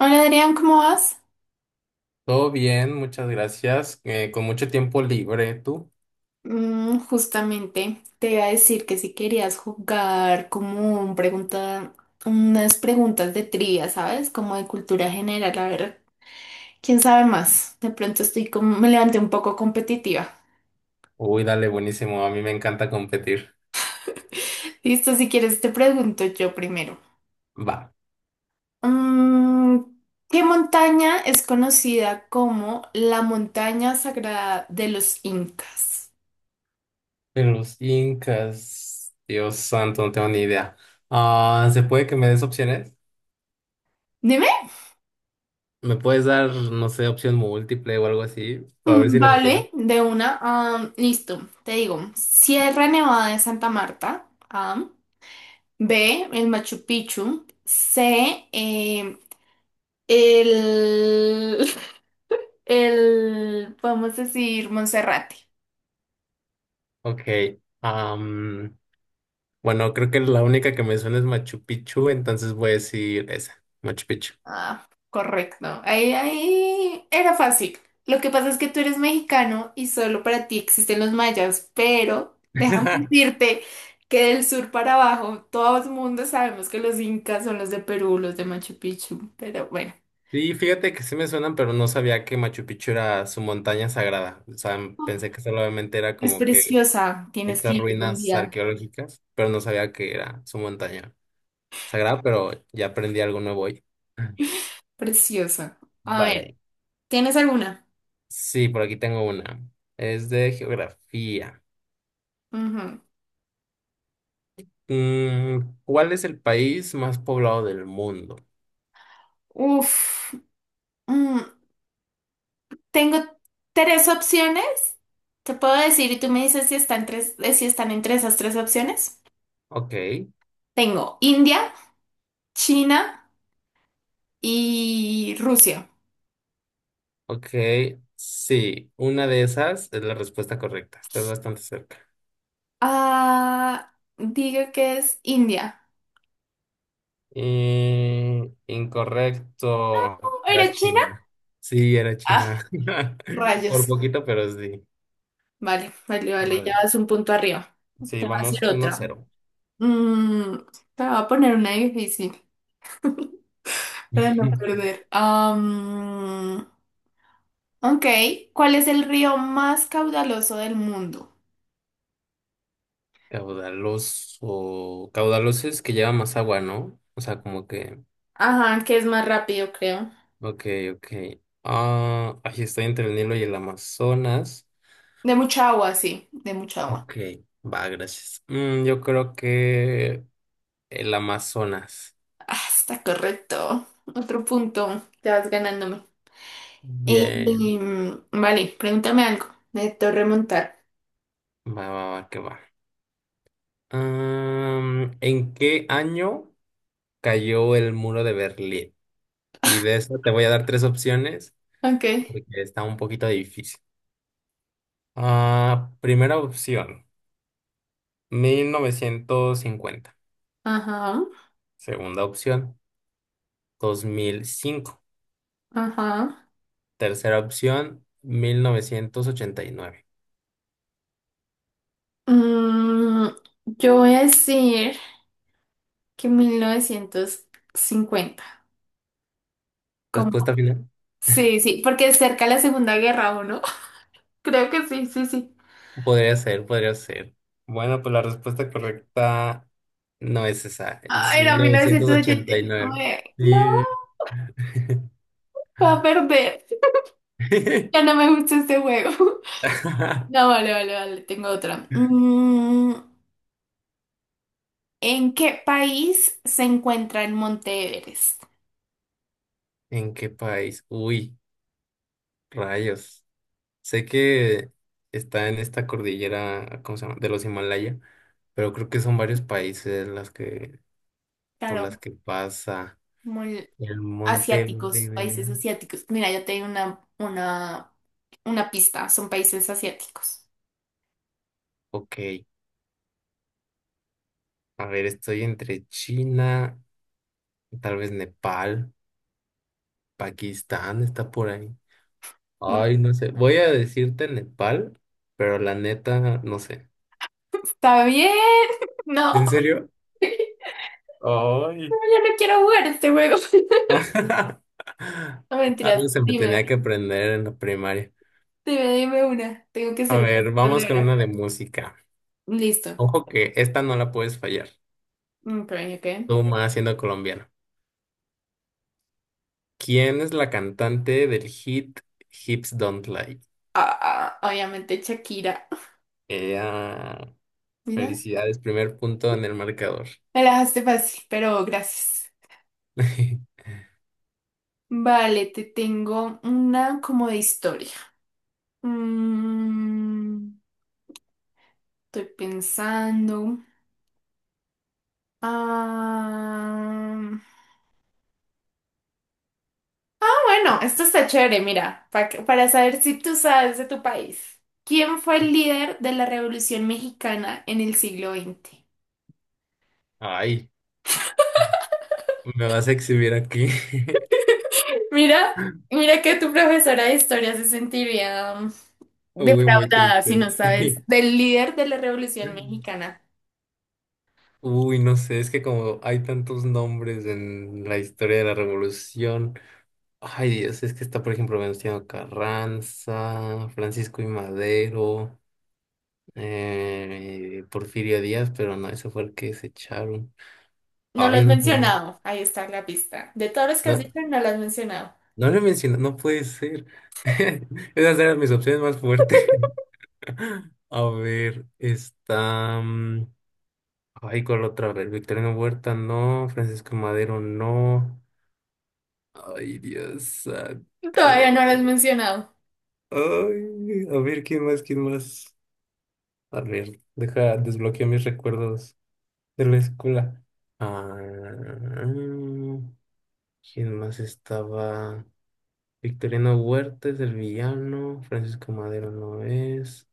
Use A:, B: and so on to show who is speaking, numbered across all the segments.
A: Hola Adrián, ¿cómo vas?
B: Todo bien, muchas gracias. Con mucho tiempo libre, tú.
A: Justamente te iba a decir que si querías jugar como unas preguntas de trivia, ¿sabes? Como de cultura general, a ver, quién sabe más. De pronto estoy como, me levanté un poco competitiva.
B: Uy, dale, buenísimo. A mí me encanta competir.
A: Listo, si quieres te pregunto yo primero.
B: Va.
A: Mm, ¿Qué montaña es conocida como la montaña sagrada de los incas?
B: Pero los incas, Dios santo, no tengo ni idea. Ah, ¿se puede que me des opciones?
A: Dime.
B: ¿Me puedes dar, no sé, opción múltiple o algo así? Para ver si lo adivino.
A: Vale, de una. Listo, te digo. Sierra Nevada de Santa Marta. A. B. El Machu Picchu. C. El, podemos decir, Monserrate.
B: Ok. am, bueno, creo que la única que me suena es Machu Picchu, entonces voy a decir esa, Machu Picchu.
A: Ah, correcto. Ahí era fácil. Lo que pasa es que tú eres mexicano y solo para ti existen los mayas, pero déjame decirte que del sur para abajo todo el mundo sabemos que los incas son los de Perú, los de Machu Picchu, pero bueno,
B: Sí, fíjate que sí me suenan, pero no sabía que Machu Picchu era su montaña sagrada. O sea, pensé que solamente era
A: es
B: como que
A: preciosa. Tienes que
B: estas
A: ir algún
B: ruinas
A: día.
B: arqueológicas, pero no sabía que era su montaña sagrada, pero ya aprendí algo nuevo hoy.
A: Preciosa. A ver,
B: Vale.
A: ¿tienes alguna?
B: Sí, por aquí tengo una. Es de geografía.
A: Ujú.
B: Mm, ¿Cuál es el país más poblado del mundo?
A: Uf, mm, tengo tres opciones. Te puedo decir y tú me dices si están entre esas tres opciones.
B: Ok,
A: Tengo India, China y Rusia.
B: ok, sí, una de esas es la respuesta correcta. Estás bastante cerca.
A: Ah, diga que es India.
B: Y incorrecto. Era
A: ¿Era China?
B: China. Sí, era
A: Ah,
B: China.
A: rayos.
B: Por poquito, pero sí.
A: Vale, vale, vale, ya
B: Vale.
A: vas un punto arriba.
B: Sí,
A: Te va a hacer
B: vamos uno
A: otra.
B: cero
A: Mm, Te voy a poner una difícil para no perder. Ok, ¿cuál es el río más caudaloso del mundo?
B: Caudaloso. Caudaloso es que lleva más agua, ¿no? O sea, como que.
A: Ajá, que es más rápido, creo.
B: Ok, ok. Ah, ahí estoy entre el Nilo y el Amazonas.
A: De mucha agua, sí, de mucha agua.
B: Ok, va, gracias. Yo creo que el Amazonas.
A: Ah, está correcto. Otro punto. Te vas ganándome.
B: Bien.
A: Vale, pregúntame algo. Necesito remontar.
B: Va, va, va, que va. ¿En qué año cayó el muro de Berlín? Y de eso te voy a dar tres opciones
A: Ok.
B: porque está un poquito difícil. Ah, primera opción, 1950.
A: Ajá.
B: Segunda opción, 2005.
A: Ajá.
B: Tercera opción, 1989.
A: Mm, yo voy a decir que 1950.
B: Respuesta
A: ¿Cómo?
B: final.
A: Sí, sí, porque es cerca de la Segunda Guerra, ¿o no? Creo que sí, sí, sí.
B: Podría ser, podría ser. Bueno, pues la respuesta correcta no es esa, es
A: Ah,
B: mil
A: era mil
B: novecientos
A: novecientos ochenta
B: ochenta y
A: y
B: nueve.
A: nueve No,
B: Sí.
A: va a perder. Ya no me gusta este juego. No, vale, vale, vale. Tengo otra. ¿En qué país se encuentra el Monte Everest?
B: ¿En qué país? Uy, rayos. Sé que está en esta cordillera, ¿cómo se llama? De los Himalaya, pero creo que son varios países las que, por
A: Claro,
B: las que pasa
A: muy
B: el monte.
A: asiáticos, países asiáticos. Mira, yo tengo una pista, son países asiáticos.
B: Ok, a ver, estoy entre China, tal vez Nepal, Pakistán está por ahí. Ay, no sé. Voy a decirte Nepal, pero la neta, no sé.
A: Está bien, no,
B: ¿En
A: no,
B: serio? Ay.
A: yo no quiero jugar este juego. No,
B: Algo
A: mentiras,
B: se me tenía
A: dime,
B: que aprender en la primaria.
A: dime, dime una. Tengo que
B: A
A: ser un
B: ver, vamos con
A: ahora.
B: una de música.
A: Listo.
B: Ojo que esta no la puedes fallar.
A: Ok, ok.
B: Tú más siendo colombiano. ¿Quién es la cantante del hit Hips Don't Lie?
A: Ah, ah, obviamente Shakira.
B: Ella.
A: Mira,
B: Felicidades, primer punto en el marcador.
A: me la dejaste fácil, pero gracias. Vale, te tengo una como de historia. Mm, Estoy pensando. Ah, ah, bueno, esto está chévere, mira, pa para saber si tú sabes de tu país. ¿Quién fue el líder de la Revolución Mexicana en el siglo XX?
B: Ay, me vas a exhibir aquí.
A: Mira, mira que tu profesora de historia se sentiría
B: Uy, muy
A: defraudada si
B: triste.
A: no
B: Sí.
A: sabes del líder de la Revolución Mexicana.
B: Uy, no sé, es que como hay tantos nombres en la historia de la revolución. Ay, Dios, es que está, por ejemplo, Venustiano Carranza, Francisco y Madero, Porfirio Díaz, pero no, ese fue el que se echaron.
A: No lo
B: Ay,
A: has
B: no sé.
A: mencionado. Ahí está la pista. De todos los que has
B: No,
A: dicho, no lo has mencionado.
B: no lo he mencionado, no puede ser. Esas eran mis opciones más fuertes. A ver, está. Ay, ¿cuál otra? Vez ver, Victoriano Huerta, no. Francisco Madero, no. Ay, Dios santo.
A: Todavía no lo has mencionado.
B: Ay, a ver, ¿quién más? ¿Quién más? A ver, deja, desbloqueo mis recuerdos de la escuela. Ah, ¿quién más estaba? Victoriano Huerta es el villano, Francisco Madero no es,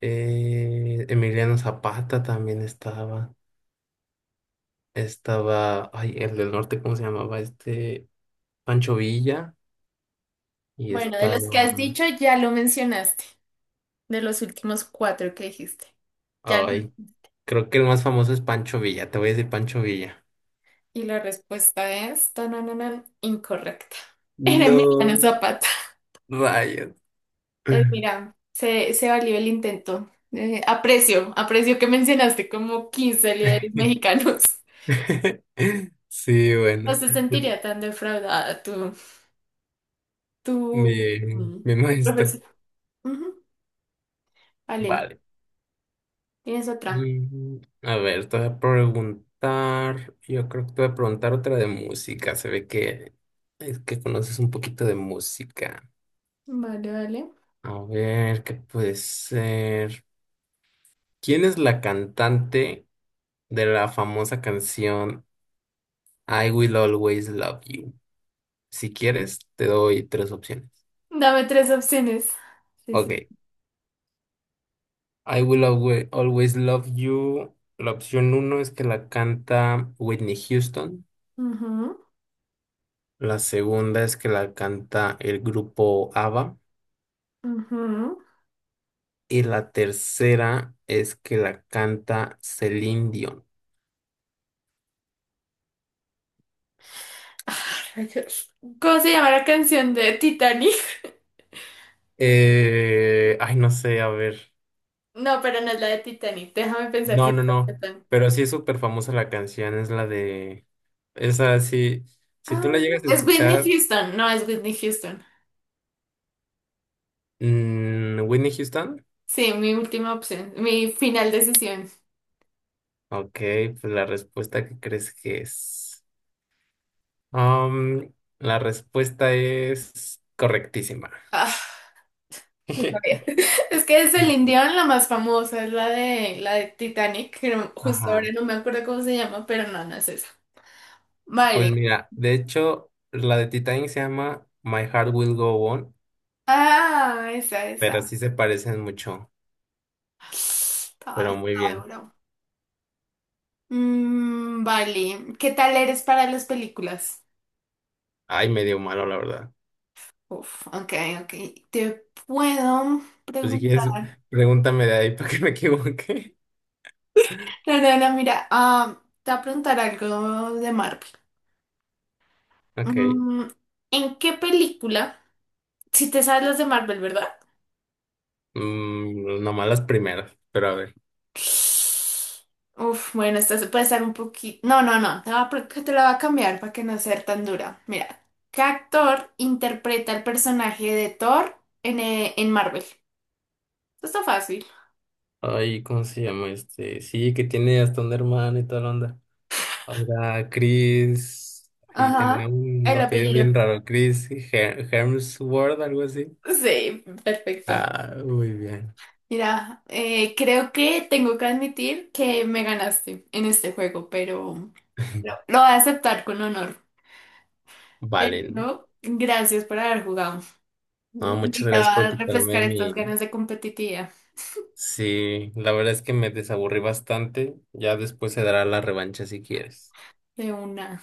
B: Emiliano Zapata también estaba, ay, el del norte, ¿cómo se llamaba? Este, Pancho Villa, y
A: Bueno, de
B: estaba,
A: los que has dicho, ya lo mencionaste. De los últimos cuatro que dijiste. Ya.
B: ay, creo que el más famoso es Pancho Villa, te voy a decir Pancho Villa.
A: Y la respuesta es tanananan, incorrecta. Era Emiliano
B: No,
A: Zapata.
B: rayos.
A: Entonces, mira, se valió el intento. Aprecio, aprecio que mencionaste como 15 líderes mexicanos.
B: Sí,
A: No
B: bueno,
A: se sentiría tan defraudada tu,
B: me,
A: mm,
B: me
A: tu profesor.
B: muestra.
A: Ujú, vale.
B: Vale.
A: Tienes otra.
B: Mm, A ver, te voy a preguntar, yo creo que te voy a preguntar otra de música. Se ve que es que conoces un poquito de música.
A: Vale, vale.
B: A ver, ¿qué puede ser? ¿Quién es la cantante de la famosa canción I Will Always Love You? Si quieres, te doy tres opciones.
A: Dame tres opciones. Sí,
B: Ok,
A: sí.
B: Always Love You. La opción uno es que la canta Whitney Houston.
A: Ujú,
B: La segunda es que la canta el grupo ABBA.
A: ujú.
B: Y la tercera es que la canta Celine Dion.
A: Ah, rayos. ¿Cómo se llama la canción de Titanic?
B: Ay, no sé, a ver.
A: No, pero no es la de Titanic. Déjame pensar si
B: No,
A: es
B: no,
A: la de
B: no.
A: Titanic.
B: Pero sí es súper famosa la canción. Es la de. Esa sí. Si
A: Ah,
B: tú la llegas a
A: es Whitney
B: escuchar,
A: Houston. No, es Whitney Houston.
B: Whitney Houston.
A: Sí, mi última opción. Mi final decisión.
B: Ok, pues la respuesta que crees que es. Am, la respuesta es correctísima.
A: Ah, no sabía. Es que es el
B: Ujú.
A: Dion la más famosa, es la de Titanic, que no- justo ahora
B: Ajá.
A: no me acuerdo cómo se llama, pero no, no es esa.
B: Pues
A: Vale.
B: mira, de hecho, la de Titanic se llama My Heart Will Go On,
A: Ah, esa,
B: pero
A: esa.
B: sí se parecen mucho,
A: Estaba,
B: pero muy
A: estaba
B: bien.
A: duro. Vale. ¿Qué tal eres para las películas?
B: Ay, medio malo, la verdad.
A: Uf, ok, ok. Te puedo
B: Pues si quieres,
A: preguntar.
B: pregúntame de ahí para que me equivoque.
A: No, no, no, mira, te voy a preguntar algo de Marvel.
B: Ok.
A: Mm, ¿En qué película? Si te sabes las de Marvel, ¿verdad?
B: Mm, nomás las primeras, pero a ver.
A: Uf, bueno, esta se puede estar un poquito. No, no, no. Te la voy a cambiar para que no sea tan dura. Mira, ¿qué actor interpreta el personaje de Thor en Marvel? Esto está fácil.
B: Ay, ¿cómo se llama este? Sí, que tiene hasta un hermano y toda la onda. Ahora, Chris, ahí tendría
A: Ajá.
B: un
A: El
B: apellido bien
A: apellido.
B: raro, Hemsworth, algo así.
A: Sí, perfecto.
B: Ah, muy bien.
A: Mira, creo que tengo que admitir que me ganaste en este juego, pero lo voy a aceptar con honor.
B: Vale.
A: Pero gracias por haber jugado.
B: No, muchas gracias por
A: Necesitaba
B: quitarme
A: refrescar estas
B: mi...
A: ganas de competitividad.
B: Sí, la verdad es que me desaburrí bastante. Ya después se dará la revancha si quieres.
A: De una.